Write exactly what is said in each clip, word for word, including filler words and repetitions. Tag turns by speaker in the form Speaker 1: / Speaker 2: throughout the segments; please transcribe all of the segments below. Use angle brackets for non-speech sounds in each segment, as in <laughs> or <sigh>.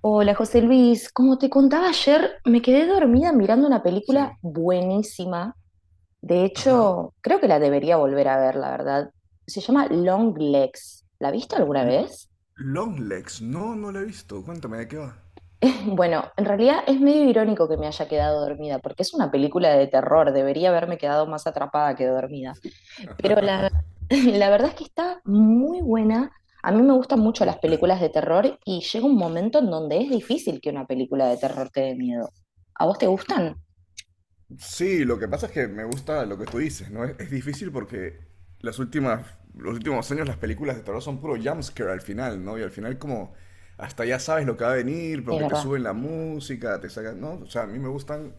Speaker 1: Hola José Luis, como te contaba ayer, me quedé dormida mirando una película
Speaker 2: Sí.
Speaker 1: buenísima. De
Speaker 2: Ajá.
Speaker 1: hecho, creo que la debería volver a ver, la verdad. Se llama Long Legs. ¿La viste alguna
Speaker 2: L-
Speaker 1: vez?
Speaker 2: Longlegs. No, no la he visto. Cuéntame de qué va.
Speaker 1: <laughs> Bueno, en realidad es medio irónico que me haya quedado dormida, porque es una película de terror. Debería haberme quedado más atrapada que dormida. Pero la,
Speaker 2: <laughs>
Speaker 1: <laughs> la verdad es que está muy buena. A mí me gustan mucho las películas de terror y llega un momento en donde es difícil que una película de terror te dé miedo. ¿A vos te gustan?
Speaker 2: Sí, lo que pasa es que me gusta lo que tú dices, ¿no? Es, es difícil porque las últimas, los últimos años las películas de terror son puro jumpscare al final, ¿no? Y al final como hasta ya sabes lo que va a venir
Speaker 1: Es
Speaker 2: porque te
Speaker 1: verdad.
Speaker 2: suben la música, te sacan, ¿no? O sea, a mí me gustan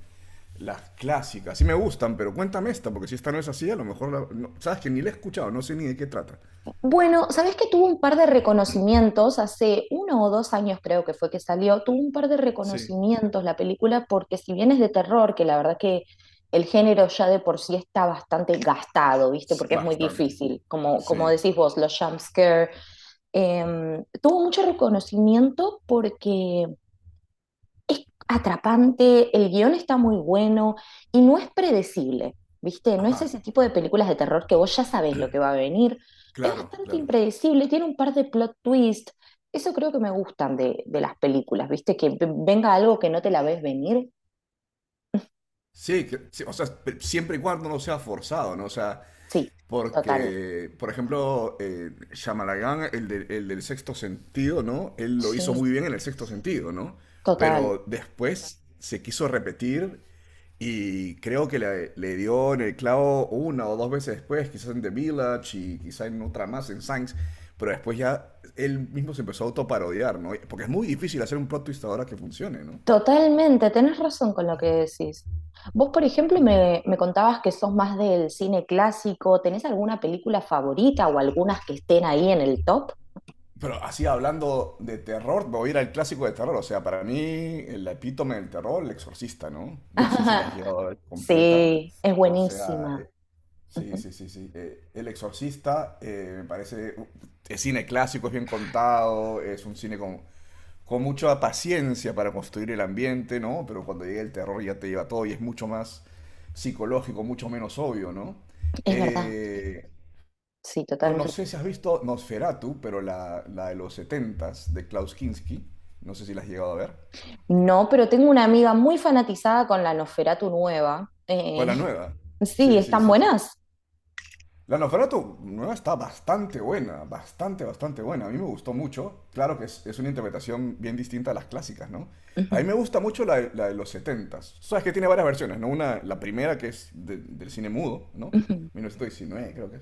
Speaker 2: las clásicas. Sí me gustan, pero cuéntame esta porque si esta no es así, a lo mejor la- no- sabes que ni la he escuchado, no sé ni de qué trata.
Speaker 1: Bueno, ¿sabés que tuvo un par de reconocimientos? Hace uno o dos años creo que fue que salió, tuvo un par de
Speaker 2: Sí.
Speaker 1: reconocimientos la película porque si bien es de terror, que la verdad que el género ya de por sí está bastante gastado, ¿viste?
Speaker 2: S-
Speaker 1: Porque es muy
Speaker 2: Bastante.
Speaker 1: difícil, como, como
Speaker 2: Sí.
Speaker 1: decís vos, los jumpscare. Eh, tuvo mucho reconocimiento porque es atrapante, el guión está muy bueno y no es predecible, ¿viste? No es
Speaker 2: Ajá.
Speaker 1: ese tipo de películas de terror que vos ya sabés lo que va a venir. Es
Speaker 2: Claro,
Speaker 1: bastante
Speaker 2: claro.
Speaker 1: impredecible, tiene un par de plot twists. Eso creo que me gustan de, de las películas, ¿viste? Que v- venga algo que no te la ves venir.
Speaker 2: Sí, que- sí, o sea, pe- siempre y cuando no sea forzado, ¿no? O sea,
Speaker 1: Sí, total.
Speaker 2: porque, por ejemplo, eh, Shyamalan, el, de- el del sexto sentido, ¿no? Él lo hizo
Speaker 1: Sí,
Speaker 2: muy bien en el sexto sentido, ¿no?
Speaker 1: total.
Speaker 2: Pero después se quiso repetir y creo que le, le dio en el clavo una o dos veces después, quizás en The Village y quizás en otra más, en Signs, pero después ya él mismo se empezó a autoparodiar, ¿no? Porque es muy difícil hacer un plot twist ahora que funcione, ¿no?
Speaker 1: Totalmente, tenés razón con lo que decís. Vos, por ejemplo, me, me contabas que sos más del cine clásico. ¿Tenés alguna película favorita o algunas que estén ahí en el top?
Speaker 2: Pero así hablando de terror, me voy a ir al clásico de terror. O sea, para mí el epítome del terror, El Exorcista, ¿no?
Speaker 1: <laughs>
Speaker 2: No sé si la has
Speaker 1: Ajá.
Speaker 2: llegado a ver completa.
Speaker 1: Sí, es
Speaker 2: O sea,
Speaker 1: buenísima.
Speaker 2: eh, sí,
Speaker 1: Ujú,
Speaker 2: sí, sí, sí. Eh, El Exorcista eh, me parece. uh, Es cine clásico, es bien contado, es un cine con, con mucha paciencia para construir el ambiente, ¿no? Pero cuando llega el terror ya te lleva todo y es mucho más psicológico, mucho menos obvio, ¿no?
Speaker 1: es verdad,
Speaker 2: Eh,
Speaker 1: sí,
Speaker 2: no, no
Speaker 1: totalmente.
Speaker 2: sé si has visto Nosferatu, pero la, la de los setentas de Klaus Kinski. No sé si la has llegado a ver.
Speaker 1: No, pero tengo una amiga muy fanatizada con la Nosferatu nueva.
Speaker 2: O
Speaker 1: Eh,
Speaker 2: la nueva.
Speaker 1: <laughs> sí,
Speaker 2: Sí, sí,
Speaker 1: están
Speaker 2: sí, sí.
Speaker 1: buenas.
Speaker 2: La novela tu- nueva está bastante buena, bastante, bastante buena. A mí me gustó mucho. Claro que es, es una interpretación bien distinta a las clásicas, ¿no? A mí me gusta mucho la, de- la de los setentas. Sabes que tiene varias versiones, ¿no? Una, la primera que es de- del cine mudo, ¿no? mil novecientos diecinueve creo que es.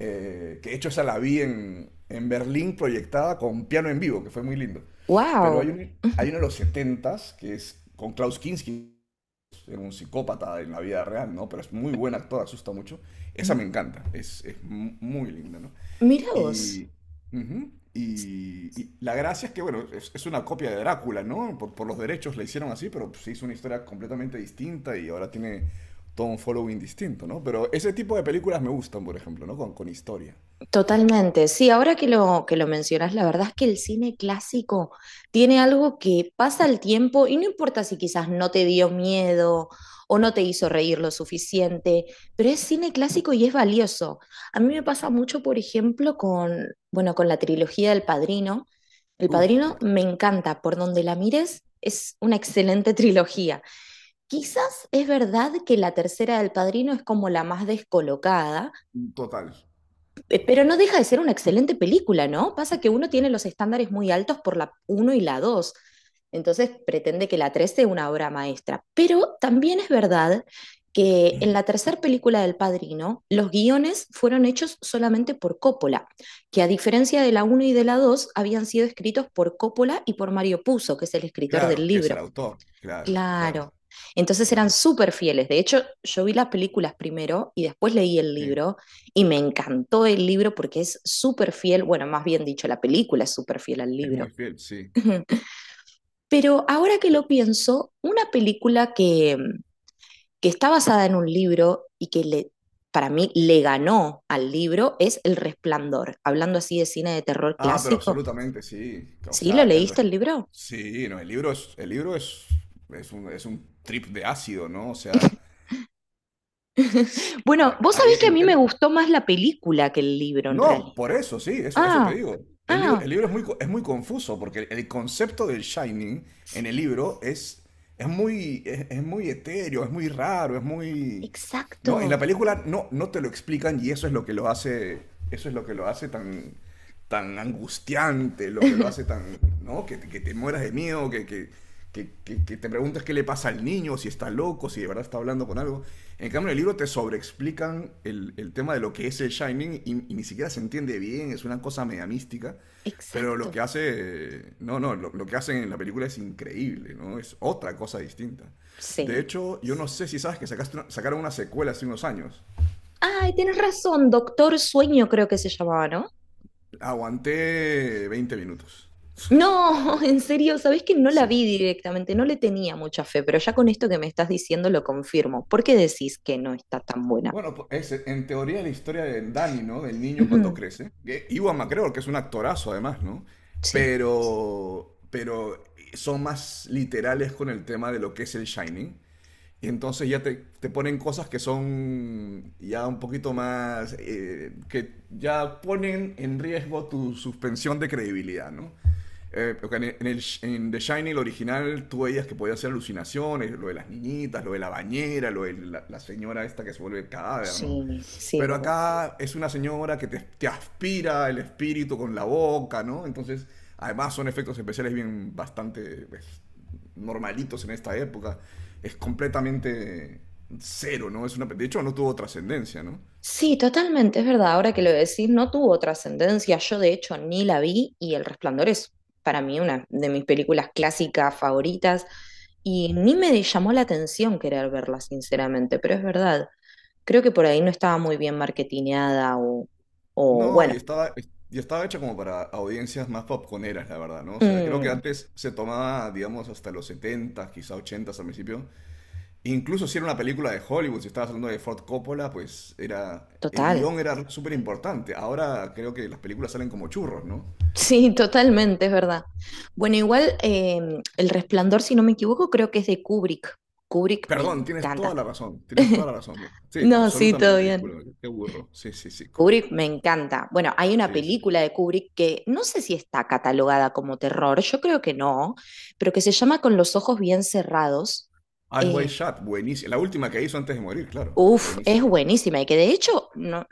Speaker 2: Eh, que de hecho esa la vi en, en Berlín proyectada con piano en vivo, que fue muy lindo. Pero hay,
Speaker 1: Wow.
Speaker 2: un, hay uno de los setentas que es con Klaus Kinski, era un psicópata en la vida real, ¿no? Pero es muy buen actor, asusta mucho. Esa me encanta, es, es mu- muy linda, ¿no?
Speaker 1: Mira vos.
Speaker 2: Y, Ujú. Y, y la gracia es que, bueno, es, es una copia de Drácula, ¿no? Por, por los derechos la hicieron así, pero pues, se hizo una historia completamente distinta y ahora tiene todo un following distinto, ¿no? Pero ese tipo de películas me gustan, por ejemplo, ¿no? Con, con historia.
Speaker 1: Totalmente, sí, ahora que lo, que lo mencionas, la verdad es que el cine clásico tiene algo que pasa el tiempo y no importa si quizás no te dio miedo o no te hizo reír lo suficiente, pero es cine clásico y es valioso. A mí me pasa mucho, por ejemplo, con, bueno, con la trilogía del Padrino. El
Speaker 2: Uy, sí,
Speaker 1: Padrino
Speaker 2: claro.
Speaker 1: me encanta, por donde la mires, es una excelente <laughs> trilogía. Quizás es verdad que la tercera del Padrino es como la más descolocada.
Speaker 2: Total,
Speaker 1: Pe- Pero
Speaker 2: total.
Speaker 1: no deja de ser una excelente película, ¿no? Pasa que uno tiene los estándares muy altos por la uno y la dos. Entonces pretende que la tres sea una obra maestra. Pero también es verdad que en la tercera película del Padrino, los guiones fueron hechos solamente por Coppola, que a diferencia de la uno y de la dos habían sido escritos por Coppola y por Mario Puzo, que es el escritor del
Speaker 2: Claro, que es el
Speaker 1: libro.
Speaker 2: autor. Claro, claro,
Speaker 1: Claro. Entonces
Speaker 2: claro.
Speaker 1: eran súper fieles. De hecho, yo vi las películas primero y después leí el
Speaker 2: Sí,
Speaker 1: libro y me encantó el libro porque es súper fiel, bueno, más bien dicho, la película es súper fiel al
Speaker 2: es muy
Speaker 1: libro.
Speaker 2: fiel, sí.
Speaker 1: <laughs> Pero ahora que lo pienso, una película que, que está basada en un libro y que le, para mí le ganó al libro es El Resplandor, hablando así de cine de terror
Speaker 2: Ah, pero
Speaker 1: clásico.
Speaker 2: absolutamente, sí. O
Speaker 1: ¿Sí? ¿Lo
Speaker 2: sea. el
Speaker 1: leíste
Speaker 2: re-
Speaker 1: el libro?
Speaker 2: Sí, no, el libro es, el libro es, es un, es un trip de ácido, ¿no? O sea,
Speaker 1: <laughs> Bueno,
Speaker 2: a-
Speaker 1: vos
Speaker 2: ahí
Speaker 1: sabés que a
Speaker 2: el
Speaker 1: mí me
Speaker 2: tema.
Speaker 1: gustó más la película que el libro en
Speaker 2: No,
Speaker 1: realidad.
Speaker 2: por eso, sí, eso, eso te
Speaker 1: Ah,
Speaker 2: digo. El, lib-
Speaker 1: ah,
Speaker 2: el libro es muy, co- es muy confuso, porque el concepto del Shining en el
Speaker 1: sí,
Speaker 2: libro es, es muy, es, es muy etéreo, es muy raro, es muy. ¿No? En la
Speaker 1: exacto,
Speaker 2: película no, no te lo explican y eso es lo que lo hace, eso es lo que lo hace tan, tan angustiante, lo que lo hace
Speaker 1: <laughs>
Speaker 2: tan, ¿no? Que, que te mueras de miedo, que, que, que, que que te preguntas qué le pasa al niño, si está loco, si de verdad está hablando con algo. En cambio, en el libro te sobreexplican el, el tema de lo que es el Shining y, y ni siquiera se entiende bien, es una cosa media mística. Pero lo
Speaker 1: exacto,
Speaker 2: que hace, no, no, lo, lo que hacen en la película es increíble, ¿no? Es otra cosa distinta. De
Speaker 1: sí.
Speaker 2: hecho, yo no sé si sabes que sacaste una- sacaron una secuela hace unos años.
Speaker 1: Ay, tienes razón, Doctor Sueño creo que se llamaba, ¿no?
Speaker 2: Aguanté veinte minutos.
Speaker 1: No, <laughs> en serio, ¿sabés que no la
Speaker 2: Sí.
Speaker 1: vi directamente? No le tenía mucha fe, pero ya con esto que me estás diciendo lo confirmo. ¿Por qué decís que no está tan buena?
Speaker 2: Bueno, pues, es en teoría la historia de Danny, ¿no? Del niño cuando
Speaker 1: Ujú,
Speaker 2: crece. Que Ewan McGregor, que es un actorazo además, ¿no?
Speaker 1: <clears throat> sí.
Speaker 2: Pero, pero son más literales con el tema de lo que es el Shining. Y entonces ya te, te ponen cosas que son ya un poquito más, eh, que ya ponen en riesgo tu suspensión de credibilidad, ¿no? Eh, porque en, el- en el, en The Shining, el original, tú veías que podía hacer alucinaciones, lo de las niñitas, lo de la bañera, lo de la, la señora esta que se vuelve el cadáver, ¿no?
Speaker 1: Sí, sí, es
Speaker 2: Pero
Speaker 1: verdad.
Speaker 2: acá es una señora que te, te aspira el espíritu con la boca, ¿no? Entonces, además son efectos especiales bien bastante pues, normalitos en esta época. Es completamente cero, ¿no? Es una, de hecho, no tuvo trascendencia, ¿no?
Speaker 1: Sí, totalmente, es verdad. Ahora que lo decís, no tuvo trascendencia. Yo, de hecho, ni la vi y El Resplandor es para mí una de mis películas clásicas favoritas y ni me llamó la atención querer verla, sinceramente, pero es verdad. Creo que por ahí no estaba muy bien marketineada o, o
Speaker 2: No,
Speaker 1: bueno,
Speaker 2: y estaba, y estaba hecha como para audiencias más popconeras, la verdad, ¿no? O sea, creo que
Speaker 1: mm,
Speaker 2: antes se tomaba, digamos, hasta los setenta, quizá ochenta al principio, incluso si era una película de Hollywood, si estabas hablando de Ford Coppola, pues era el
Speaker 1: total. <laughs>
Speaker 2: guión era súper importante. Ahora creo que las películas salen como churros, ¿no?
Speaker 1: Sí, totalmente, es verdad. Bueno, igual eh, El Resplandor, si no me equivoco, creo que es de Kubrick. Kubrick me
Speaker 2: Perdón, tienes toda
Speaker 1: encanta.
Speaker 2: la razón, tienes toda la razón. Mira. Sí,
Speaker 1: No, sí, todo
Speaker 2: absolutamente,
Speaker 1: bien.
Speaker 2: disculpa, qué burro. Sí, sí, sí, Kubrick.
Speaker 1: Kubrick me encanta. Bueno, hay una
Speaker 2: Sí, sí.
Speaker 1: película de Kubrick que no sé si está catalogada como terror, yo creo que no, pero que se llama Con los ojos bien cerrados.
Speaker 2: Eyes Wide
Speaker 1: Eh,
Speaker 2: Shut, buenísima. La última que hizo antes de morir, claro,
Speaker 1: Uf, es
Speaker 2: buenísima.
Speaker 1: buenísima y que de hecho no,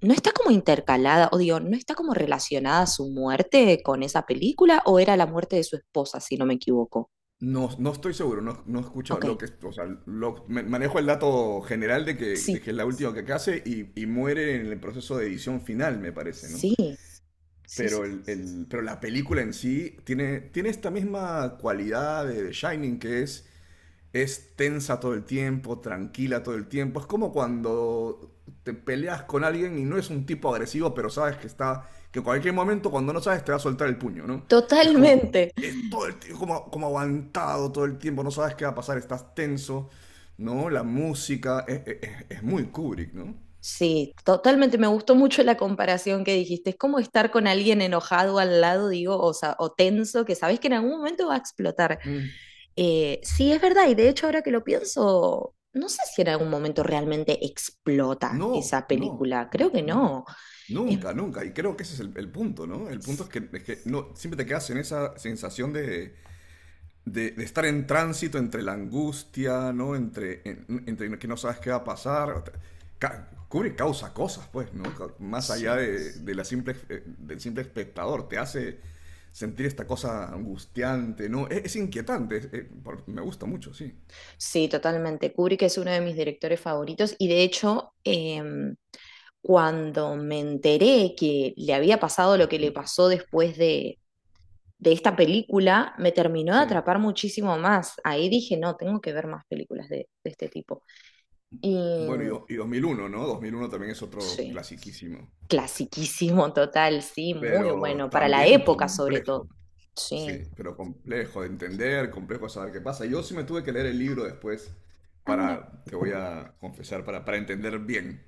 Speaker 1: no está como intercalada, o digo, no está como relacionada su muerte con esa película, o era la muerte de su esposa, si no me equivoco.
Speaker 2: No, no estoy seguro, no, no he escuchado
Speaker 1: Ok,
Speaker 2: lo que, o sea, lo- me- manejo el dato general de que, de
Speaker 1: sí,
Speaker 2: que es la última que hace y, y muere en el proceso de edición final, me parece, ¿no?
Speaker 1: sí, sí, sí,
Speaker 2: Pero, el,
Speaker 1: sí.
Speaker 2: el- pero la película en sí tiene, tiene esta misma cualidad de The Shining que es, es tensa todo el tiempo, tranquila todo el tiempo. Es como cuando te peleas con alguien y no es un tipo agresivo, pero sabes que está, que en cualquier momento cuando no sabes te va a soltar el puño, ¿no? Es como,
Speaker 1: Totalmente.
Speaker 2: es todo el tiempo, como, como aguantado todo el tiempo, no sabes qué va a pasar, estás tenso, ¿no? La música es, es- es- es muy Kubrick, ¿no?
Speaker 1: Sí, totalmente. Me gustó mucho la comparación que dijiste. Es como estar con alguien enojado al lado, digo, o, sa- o tenso, que sabes que en algún momento va a explotar.
Speaker 2: Mm.
Speaker 1: Eh, sí, es verdad. Y de hecho, ahora que lo pienso, no sé si en algún momento realmente explota
Speaker 2: No,
Speaker 1: esa
Speaker 2: no,
Speaker 1: película. Creo
Speaker 2: no,
Speaker 1: que
Speaker 2: no.
Speaker 1: no. Es-
Speaker 2: Nunca, nunca. Y creo que ese es el, el punto, ¿no? El punto es que, es que no, siempre te quedas en esa sensación de, de- de estar en tránsito entre la angustia, ¿no? Entre, en- entre que no sabes qué va a pasar. Ca- Kubrick causa cosas, pues, ¿no? Ca- Más allá
Speaker 1: sí,
Speaker 2: de, de la simple, eh, del simple espectador. Te hace sentir esta cosa angustiante, ¿no? Es, es inquietante. Es- eh, por- me gusta mucho, sí.
Speaker 1: sí, totalmente. Kubrick es uno de mis directores favoritos y de hecho... em, cuando me enteré que le había pasado lo que le pasó después de, de esta película me terminó de
Speaker 2: Sí.
Speaker 1: atrapar muchísimo más. Ahí dije, no, tengo que ver más películas de, de este tipo. Y
Speaker 2: Bueno, y, do- y dos mil uno, ¿no? Dos mil uno también es otro
Speaker 1: sí,
Speaker 2: clasiquísimo.
Speaker 1: clasiquísimo total, sí, muy
Speaker 2: Pero
Speaker 1: bueno, para la
Speaker 2: también
Speaker 1: época sobre todo.
Speaker 2: complejo,
Speaker 1: Sí.
Speaker 2: sí, pero complejo de entender, complejo de saber qué pasa. Yo sí me tuve que leer el libro después
Speaker 1: Ah, mira.
Speaker 2: para, te voy a confesar, para, para entender bien,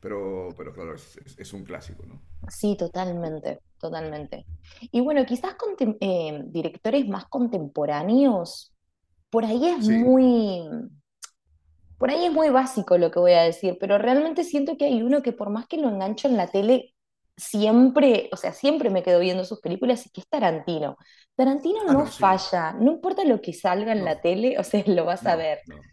Speaker 2: pero, pero claro, es, es- es un clásico, ¿no?
Speaker 1: Sí, totalmente, totalmente. Y bueno, quizás contem- eh, directores más contemporáneos, por ahí es
Speaker 2: Sí.
Speaker 1: muy, por ahí es muy básico lo que voy a decir, pero realmente siento que hay uno que por más que lo engancho en la tele, siempre, o sea, siempre me quedo viendo sus películas y que es Tarantino. Tarantino
Speaker 2: Ah,
Speaker 1: no
Speaker 2: no, sí.
Speaker 1: falla, no importa lo que salga en la
Speaker 2: No,
Speaker 1: tele, o sea, <laughs> lo vas a
Speaker 2: no,
Speaker 1: ver,
Speaker 2: no,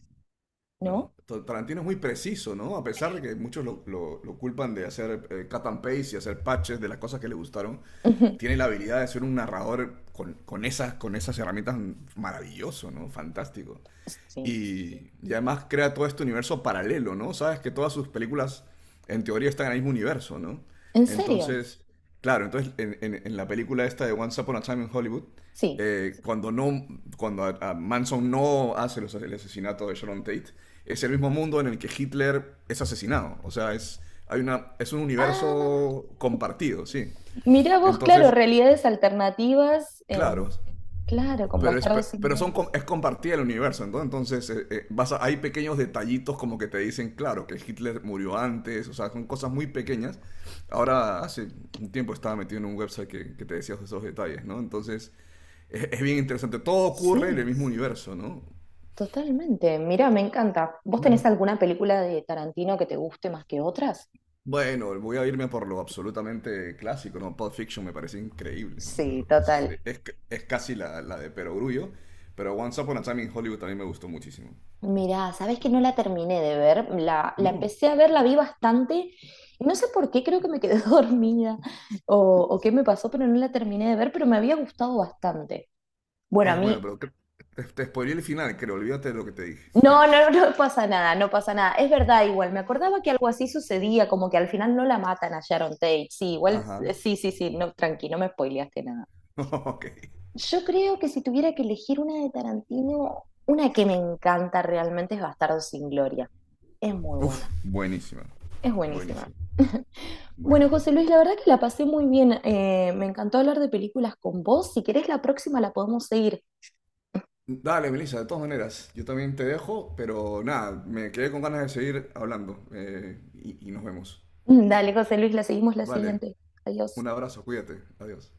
Speaker 1: ¿no?
Speaker 2: no. Ta- Tarantino es muy preciso, ¿no? A pesar de que muchos lo, lo- lo culpan de hacer eh, cut and paste y hacer patches de las cosas que le gustaron,
Speaker 1: <laughs> Ujú,
Speaker 2: tiene la habilidad de ser un narrador con, con esas, con esas herramientas mm, maravilloso, ¿no? Fantástico.
Speaker 1: sí.
Speaker 2: Y, y además crea todo este universo paralelo, ¿no? Sabes que todas sus películas, en teoría, están en el mismo universo, ¿no?
Speaker 1: ¿En serio?
Speaker 2: Entonces, claro, entonces en, en- en la película esta de Once Upon a Time in Hollywood,
Speaker 1: Sí.
Speaker 2: eh, cuando no, cuando a- a Manson no hace los- el asesinato de Sharon Tate, es el mismo mundo en el que Hitler es asesinado. O sea, es, hay una, es un
Speaker 1: Ah,
Speaker 2: universo compartido, sí.
Speaker 1: mirá vos, claro,
Speaker 2: Entonces,
Speaker 1: realidades alternativas
Speaker 2: claro,
Speaker 1: en, claro, con
Speaker 2: pero, es,
Speaker 1: Bastardos sin
Speaker 2: pero son,
Speaker 1: Gloria.
Speaker 2: es compartida el universo, ¿no? Entonces eh, eh, vas a- hay pequeños detallitos como que te dicen, claro, que Hitler murió antes, o sea, son cosas muy pequeñas. Ahora, hace un tiempo estaba metido en un website que, que te decía esos detalles, ¿no? Entonces, es, es bien interesante, todo ocurre en el
Speaker 1: Sí,
Speaker 2: mismo universo, ¿no?
Speaker 1: totalmente. Mira, me encanta. ¿Vos
Speaker 2: Mm.
Speaker 1: tenés alguna película de Tarantino que te guste más que otras?
Speaker 2: Bueno, voy a irme por lo absolutamente clásico, ¿no? Pulp Fiction me parece increíble, ¿no?
Speaker 1: Sí,
Speaker 2: Pero es,
Speaker 1: total.
Speaker 2: es- es casi la, la de Perogrullo, pero Once Upon a Time in Hollywood también me gustó muchísimo.
Speaker 1: Mirá, sabes que no la terminé de ver, la, la
Speaker 2: No.
Speaker 1: empecé a ver, la vi bastante, y no sé por qué, creo que me quedé <laughs> dormida o, o qué me pasó, pero no la terminé de ver, pero me había gustado bastante. Bueno, a
Speaker 2: Es
Speaker 1: mí,
Speaker 2: bueno, pero cre- te, te spoileé el final, creo. Olvídate de lo que te dije.
Speaker 1: no,
Speaker 2: <laughs>
Speaker 1: no, <laughs> no pasa nada, no pasa nada, es verdad igual, me acordaba que algo así sucedía, como que al final no la matan a Sharon Tate, sí, igual,
Speaker 2: Ajá. <laughs>
Speaker 1: eh, sí, sí, sí, no, tranqui, no me spoileaste nada.
Speaker 2: Ok.
Speaker 1: Yo creo que si tuviera que elegir una de Tarantino, una que me encanta realmente es Bastardo sin Gloria, es muy
Speaker 2: Uf,
Speaker 1: buena.
Speaker 2: buenísima.
Speaker 1: Es buenísima.
Speaker 2: Buenísima,
Speaker 1: Bueno,
Speaker 2: buenísima.
Speaker 1: José Luis, la verdad que la pasé muy bien. Eh, me encantó hablar de películas con vos. Si querés, la próxima la podemos seguir.
Speaker 2: Dale, Melissa, de todas maneras, yo también te dejo, pero nada, me quedé con ganas de seguir hablando eh, y, y nos vemos.
Speaker 1: <laughs> Dale, José Luis, la seguimos la
Speaker 2: Vale,
Speaker 1: siguiente. Adiós.
Speaker 2: un abrazo, cuídate, adiós.